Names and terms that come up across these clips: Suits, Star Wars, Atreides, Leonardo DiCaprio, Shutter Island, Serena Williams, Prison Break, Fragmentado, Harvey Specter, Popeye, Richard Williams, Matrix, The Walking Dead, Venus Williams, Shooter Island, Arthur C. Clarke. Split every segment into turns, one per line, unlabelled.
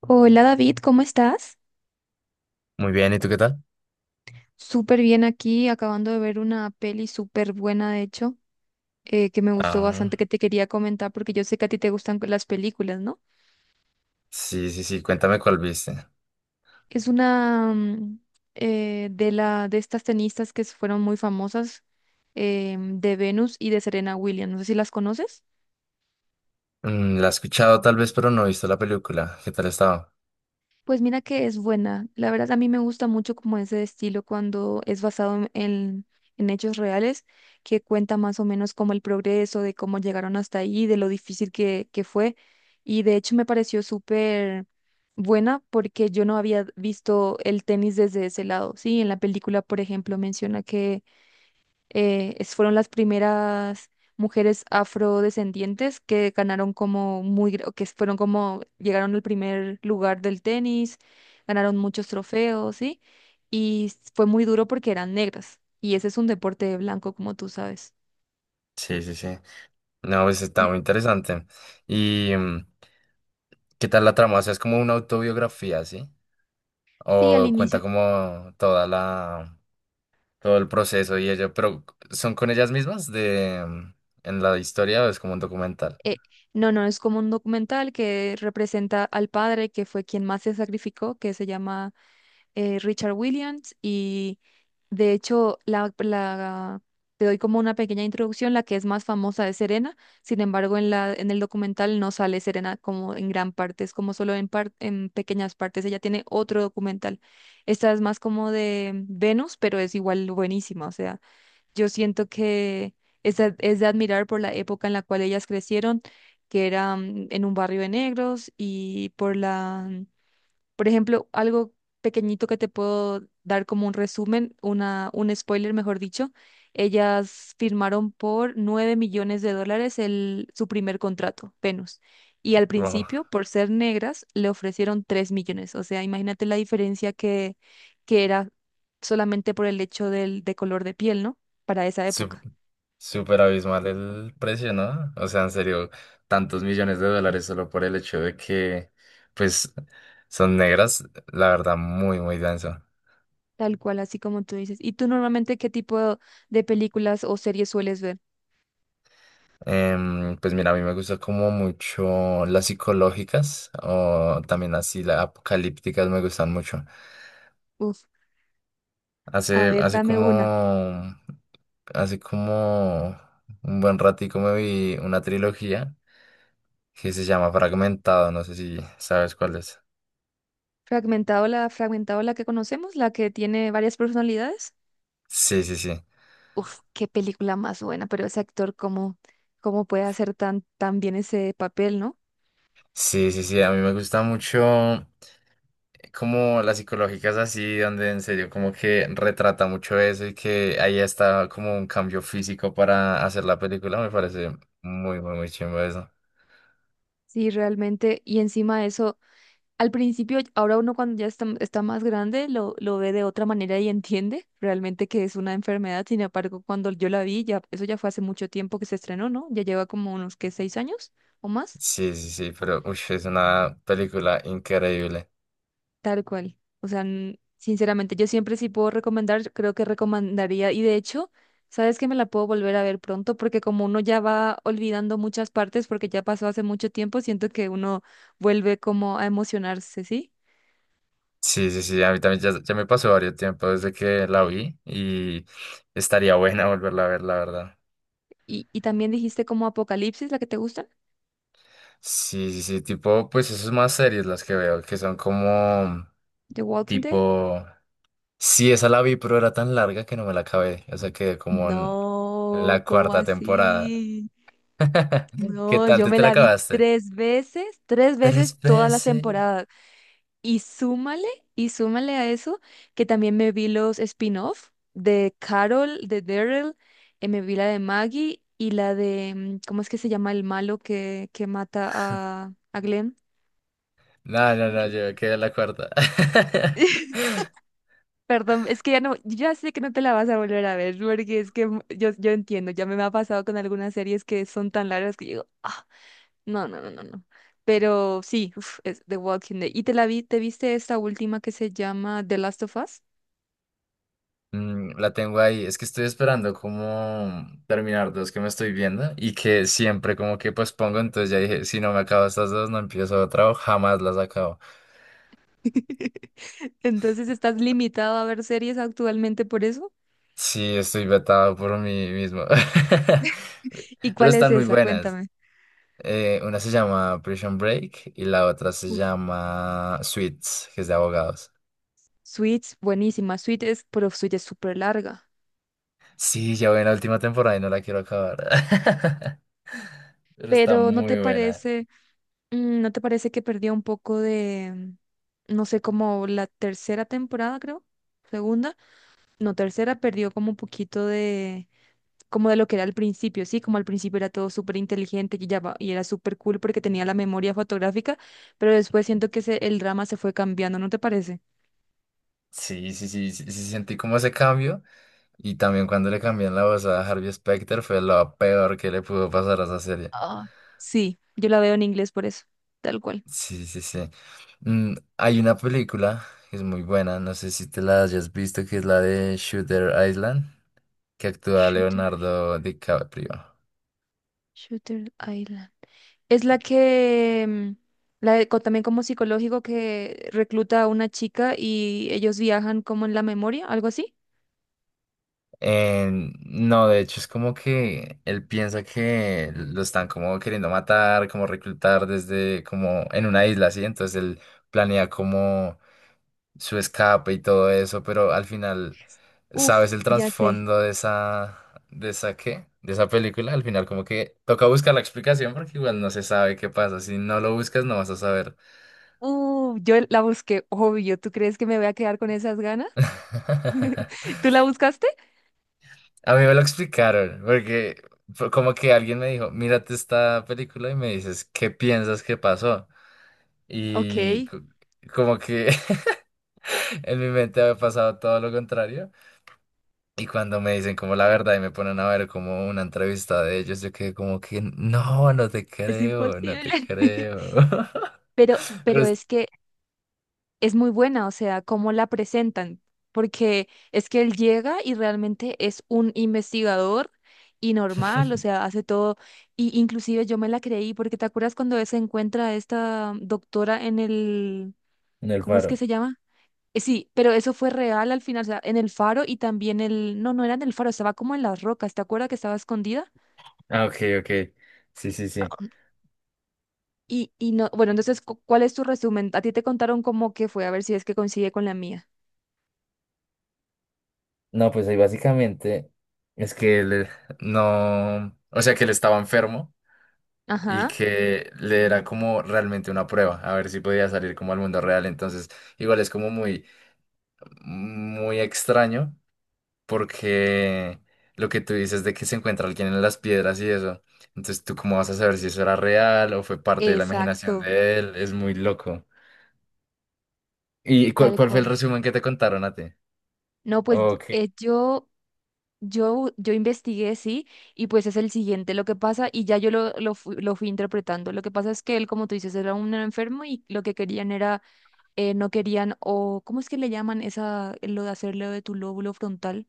Hola David, ¿cómo estás?
Muy bien, ¿y tú qué tal?
Súper bien aquí, acabando de ver una peli súper buena, de hecho, que me gustó bastante,
Ah,
que te quería comentar porque yo sé que a ti te gustan las películas, ¿no?
sí, sí, sí, cuéntame cuál viste.
Es una de estas tenistas que fueron muy famosas, de Venus y de Serena Williams. No sé si las conoces.
Mm, la he escuchado tal vez, pero no he visto la película. ¿Qué tal estaba?
Pues mira que es buena. La verdad a mí me gusta mucho como ese estilo cuando es basado en hechos reales, que cuenta más o menos como el progreso, de cómo llegaron hasta ahí, de lo difícil que fue. Y de hecho me pareció súper buena porque yo no había visto el tenis desde ese lado. Sí, en la película, por ejemplo, menciona fueron las primeras mujeres afrodescendientes que ganaron como muy, que fueron como, llegaron al primer lugar del tenis, ganaron muchos trofeos, ¿sí? Y fue muy duro porque eran negras. Y ese es un deporte de blanco, como tú sabes.
Sí, sí, sí. No, pues está
Y
muy interesante. ¿Y qué tal la trama? O sea, es como una autobiografía, ¿sí?
sí, al
O cuenta
inicio,
como toda la, todo el proceso y ello, pero ¿son con ellas mismas de, en la historia o es como un documental?
eh, no, no, es como un documental que representa al padre que fue quien más se sacrificó, que se llama Richard Williams. De hecho, te doy como una pequeña introducción. La que es más famosa es Serena. Sin embargo, en en el documental no sale Serena como en gran parte, es como solo en pequeñas partes. Ella tiene otro documental. Esta es más como de Venus, pero es igual buenísima. O sea, yo siento que es de admirar por la época en la cual ellas crecieron, que era en un barrio de negros. Y por ejemplo, algo pequeñito que te puedo dar como un resumen, un spoiler, mejor dicho. Ellas firmaron por 9 millones de dólares su primer contrato, Venus. Y al principio, por ser negras, le ofrecieron 3 millones. O sea, imagínate la diferencia que era solamente por el hecho de color de piel, ¿no? Para esa
Sup-
época.
Súper abismal el precio, ¿no? O sea, en serio, tantos millones de dólares solo por el hecho de que, pues, son negras, la verdad, muy, muy denso.
Tal cual, así como tú dices. ¿Y tú normalmente qué tipo de películas o series sueles ver?
Pues mira, a mí me gusta como mucho las psicológicas o también así las apocalípticas me gustan mucho.
Uf, a
Hace,
ver,
hace
dame
como,
una.
hace como un buen ratico me vi una trilogía que se llama Fragmentado, no sé si sabes cuál es.
Fragmentado la, que conocemos, la que tiene varias personalidades.
Sí, sí, sí.
Uf, qué película más buena. Pero ese actor, ¿cómo puede hacer tan, tan bien ese papel, no?
Sí, sí, sí, a mí me gusta mucho como las psicológicas así, donde en serio como que retrata mucho eso y que ahí está como un cambio físico para hacer la película, me parece muy, muy, muy chimbo eso.
Sí, realmente, y encima de eso, al principio, ahora uno cuando ya está más grande, lo ve de otra manera y entiende realmente que es una enfermedad. Sin embargo, cuando yo la vi, ya, eso ya fue hace mucho tiempo que se estrenó, ¿no? Ya lleva como unos, ¿qué? ¿6 años o más?
Sí, sí, sí, pero uy, es una película increíble.
Tal cual. O sea, sinceramente, yo siempre sí puedo recomendar, creo que recomendaría, y de hecho, sabes que me la puedo volver a ver pronto, porque como uno ya va olvidando muchas partes, porque ya pasó hace mucho tiempo, siento que uno vuelve como a emocionarse, ¿sí?
Sí, sí, sí, a mí también ya, ya me pasó varios tiempo desde que la vi y estaría buena volverla a ver, la verdad.
Y también dijiste como Apocalipsis, la que te gusta,
Sí, sí, sí, tipo, pues eso es más series las que veo, que son como
The Walking Dead.
tipo. Sí, esa la vi, pero era tan larga que no me la acabé. O sea, quedé como en
No,
la
¿cómo
cuarta temporada.
así?
¿Qué
No,
tal?
yo
¿Tú
me
te la
la vi
acabaste?
tres veces
Tres
todas las
veces.
temporadas. Y súmale, y súmale, a eso que también me vi los spin-off de Carol, de Daryl, me vi la de Maggie y la de, ¿cómo es que se llama el malo que mata a Glenn? Ay,
No,
no
no,
me
no, yo
recuerdo.
quedé en la cuarta.
Perdón, es que ya sé que no te la vas a volver a ver, porque es que yo entiendo, ya me ha pasado con algunas series que son tan largas que digo, ah, no, no, no, no, no. Pero sí, uf, es The Walking Dead. ¿Y te viste esta última que se llama The Last of Us?
Mm, la tengo ahí. Es que estoy esperando como terminar dos que me estoy viendo y que siempre como que pues pongo. Entonces ya dije, si no me acabo estas dos, no empiezo otra o jamás las acabo.
Entonces, ¿estás limitado a ver series actualmente por eso?
Sí, estoy vetado por mí mismo.
¿Y
Pero
cuál es
están muy
esa?
buenas.
Cuéntame.
Una se llama Prison Break y la otra se
Uf,
llama Suits, que es de abogados.
Suits, buenísima. Pero Suits es súper larga.
Sí, ya voy en la última temporada y no la quiero acabar. Pero está
Pero
muy buena.
¿no te parece que perdió un poco de, no sé, como la tercera temporada, creo? Segunda, no, tercera perdió como un poquito de, como de lo que era al principio, sí, como al principio era todo súper inteligente y y era súper cool porque tenía la memoria fotográfica, pero después siento que el drama se fue cambiando, ¿no te parece?
Sí, sí, sí, sí, sí, sentí como ese cambio. Y también cuando le cambian la voz a Harvey Specter fue lo peor que le pudo pasar a esa serie.
Ah, sí, yo la veo en inglés por eso, tal cual.
Sí, sí, sí. Hay una película que es muy buena, no sé si te la hayas visto, que es la de Shooter Island, que actúa
Shooter,
Leonardo DiCaprio.
Shooter Island. Es la que, también como psicológico que recluta a una chica y ellos viajan como en la memoria, algo así.
Eh, no, de hecho es como que él piensa que lo están como queriendo matar, como reclutar desde como en una isla, así. Entonces él planea como su escape y todo eso, pero al final, ¿sabes
Uf,
el
ya sé.
trasfondo de esa qué? De esa película, al final como que toca buscar la explicación porque igual no se sabe qué pasa. Si no lo buscas no vas a saber.
Yo la busqué, obvio. ¿Tú crees que me voy a quedar con esas ganas? ¿Tú la buscaste?
A mí me lo explicaron, porque fue como que alguien me dijo, mírate esta película y me dices, ¿qué piensas que pasó?
Ok,
Y como que en mi mente había pasado todo lo contrario. Y cuando me dicen como la verdad y me ponen a ver como una entrevista de ellos, yo quedé como que, no, no te
es
creo, no te
imposible.
creo.
Pero,
Pero
pero es que es muy buena. O sea, cómo la presentan, porque es que él llega y realmente es un investigador y normal, o sea, hace todo, y inclusive yo me la creí, porque ¿te acuerdas cuando se encuentra esta doctora en el,
en el
¿cómo es que
faro.
se llama? Sí, pero eso fue real al final, o sea, en el faro y también no, no era en el faro, estaba como en las rocas, ¿te acuerdas que estaba escondida?
Ah, ok, ok. Sí, sí, sí.
Y no, bueno, entonces, ¿cuál es tu resumen? A ti te contaron cómo que fue, a ver si es que coincide con la mía.
No, pues ahí básicamente es que él no, o sea que él estaba enfermo. Y
Ajá,
que le era como realmente una prueba, a ver si podía salir como al mundo real. Entonces, igual es como muy, muy extraño porque lo que tú dices de que se encuentra alguien en las piedras y eso. Entonces, ¿tú cómo vas a saber si eso era real o fue parte de la imaginación
exacto.
de él? Es muy loco. ¿Y cuál,
Tal
cuál fue el
cual.
resumen que te contaron a ti?
No, pues
Ok,
eh, yo, yo investigué, sí, y pues es el siguiente lo que pasa, y ya yo lo fui interpretando. Lo que pasa es que él, como tú dices, era un enfermo y lo que querían era, no querían, o ¿cómo es que le llaman esa, lo de hacerle de tu lóbulo frontal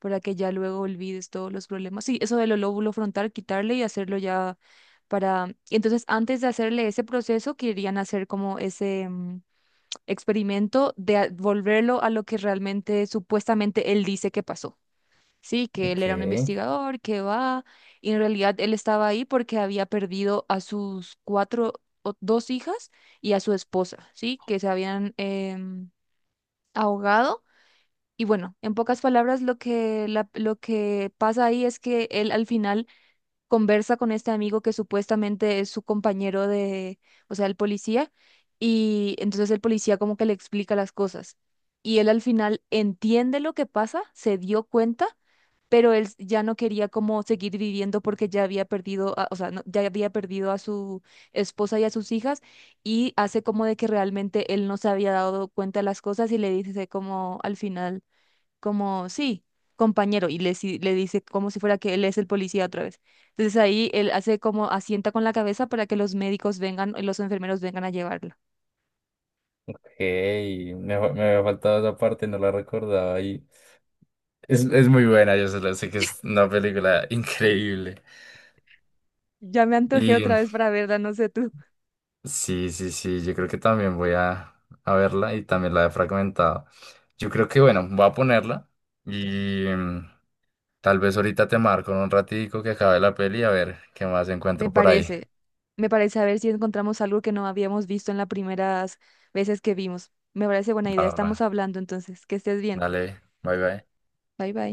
para que ya luego olvides todos los problemas? Sí, eso del lóbulo frontal, quitarle y hacerlo ya para. Entonces, antes de hacerle ese proceso, querían hacer como ese experimento de volverlo a lo que realmente supuestamente él dice que pasó. Sí, que él
ok,
era un investigador, que va, y en realidad él estaba ahí porque había perdido a sus cuatro o dos hijas y a su esposa, sí, que se habían ahogado. Y bueno, en pocas palabras, lo que pasa ahí es que él al final conversa con este amigo que supuestamente es su compañero de, o sea, el policía, y entonces el policía como que le explica las cosas. Y él al final entiende lo que pasa, se dio cuenta, pero él ya no quería como seguir viviendo porque ya había perdido, o sea, ya había perdido a su esposa y a sus hijas, y hace como de que realmente él no se había dado cuenta de las cosas y le dice como al final como, sí, compañero, y le dice como si fuera que él es el policía otra vez. Entonces ahí él hace como asienta con la cabeza para que los médicos vengan, los enfermeros vengan a llevarla.
ok. Me había faltado esa parte, no la recordaba y es muy buena, yo solo sé que es una película increíble.
Ya me antojé otra vez para verla, no sé tú.
Sí, sí, sí, yo creo que también voy a verla y también la he fragmentado. Yo creo que, bueno, voy a ponerla y tal vez ahorita te marco en un ratico que acabe la peli a ver qué más
Me
encuentro por ahí.
parece, me parece, a ver si encontramos algo que no habíamos visto en las primeras veces que vimos. Me parece buena idea,
Va, va.
estamos hablando entonces, que estés bien.
Dale, bye, bye.
Bye bye.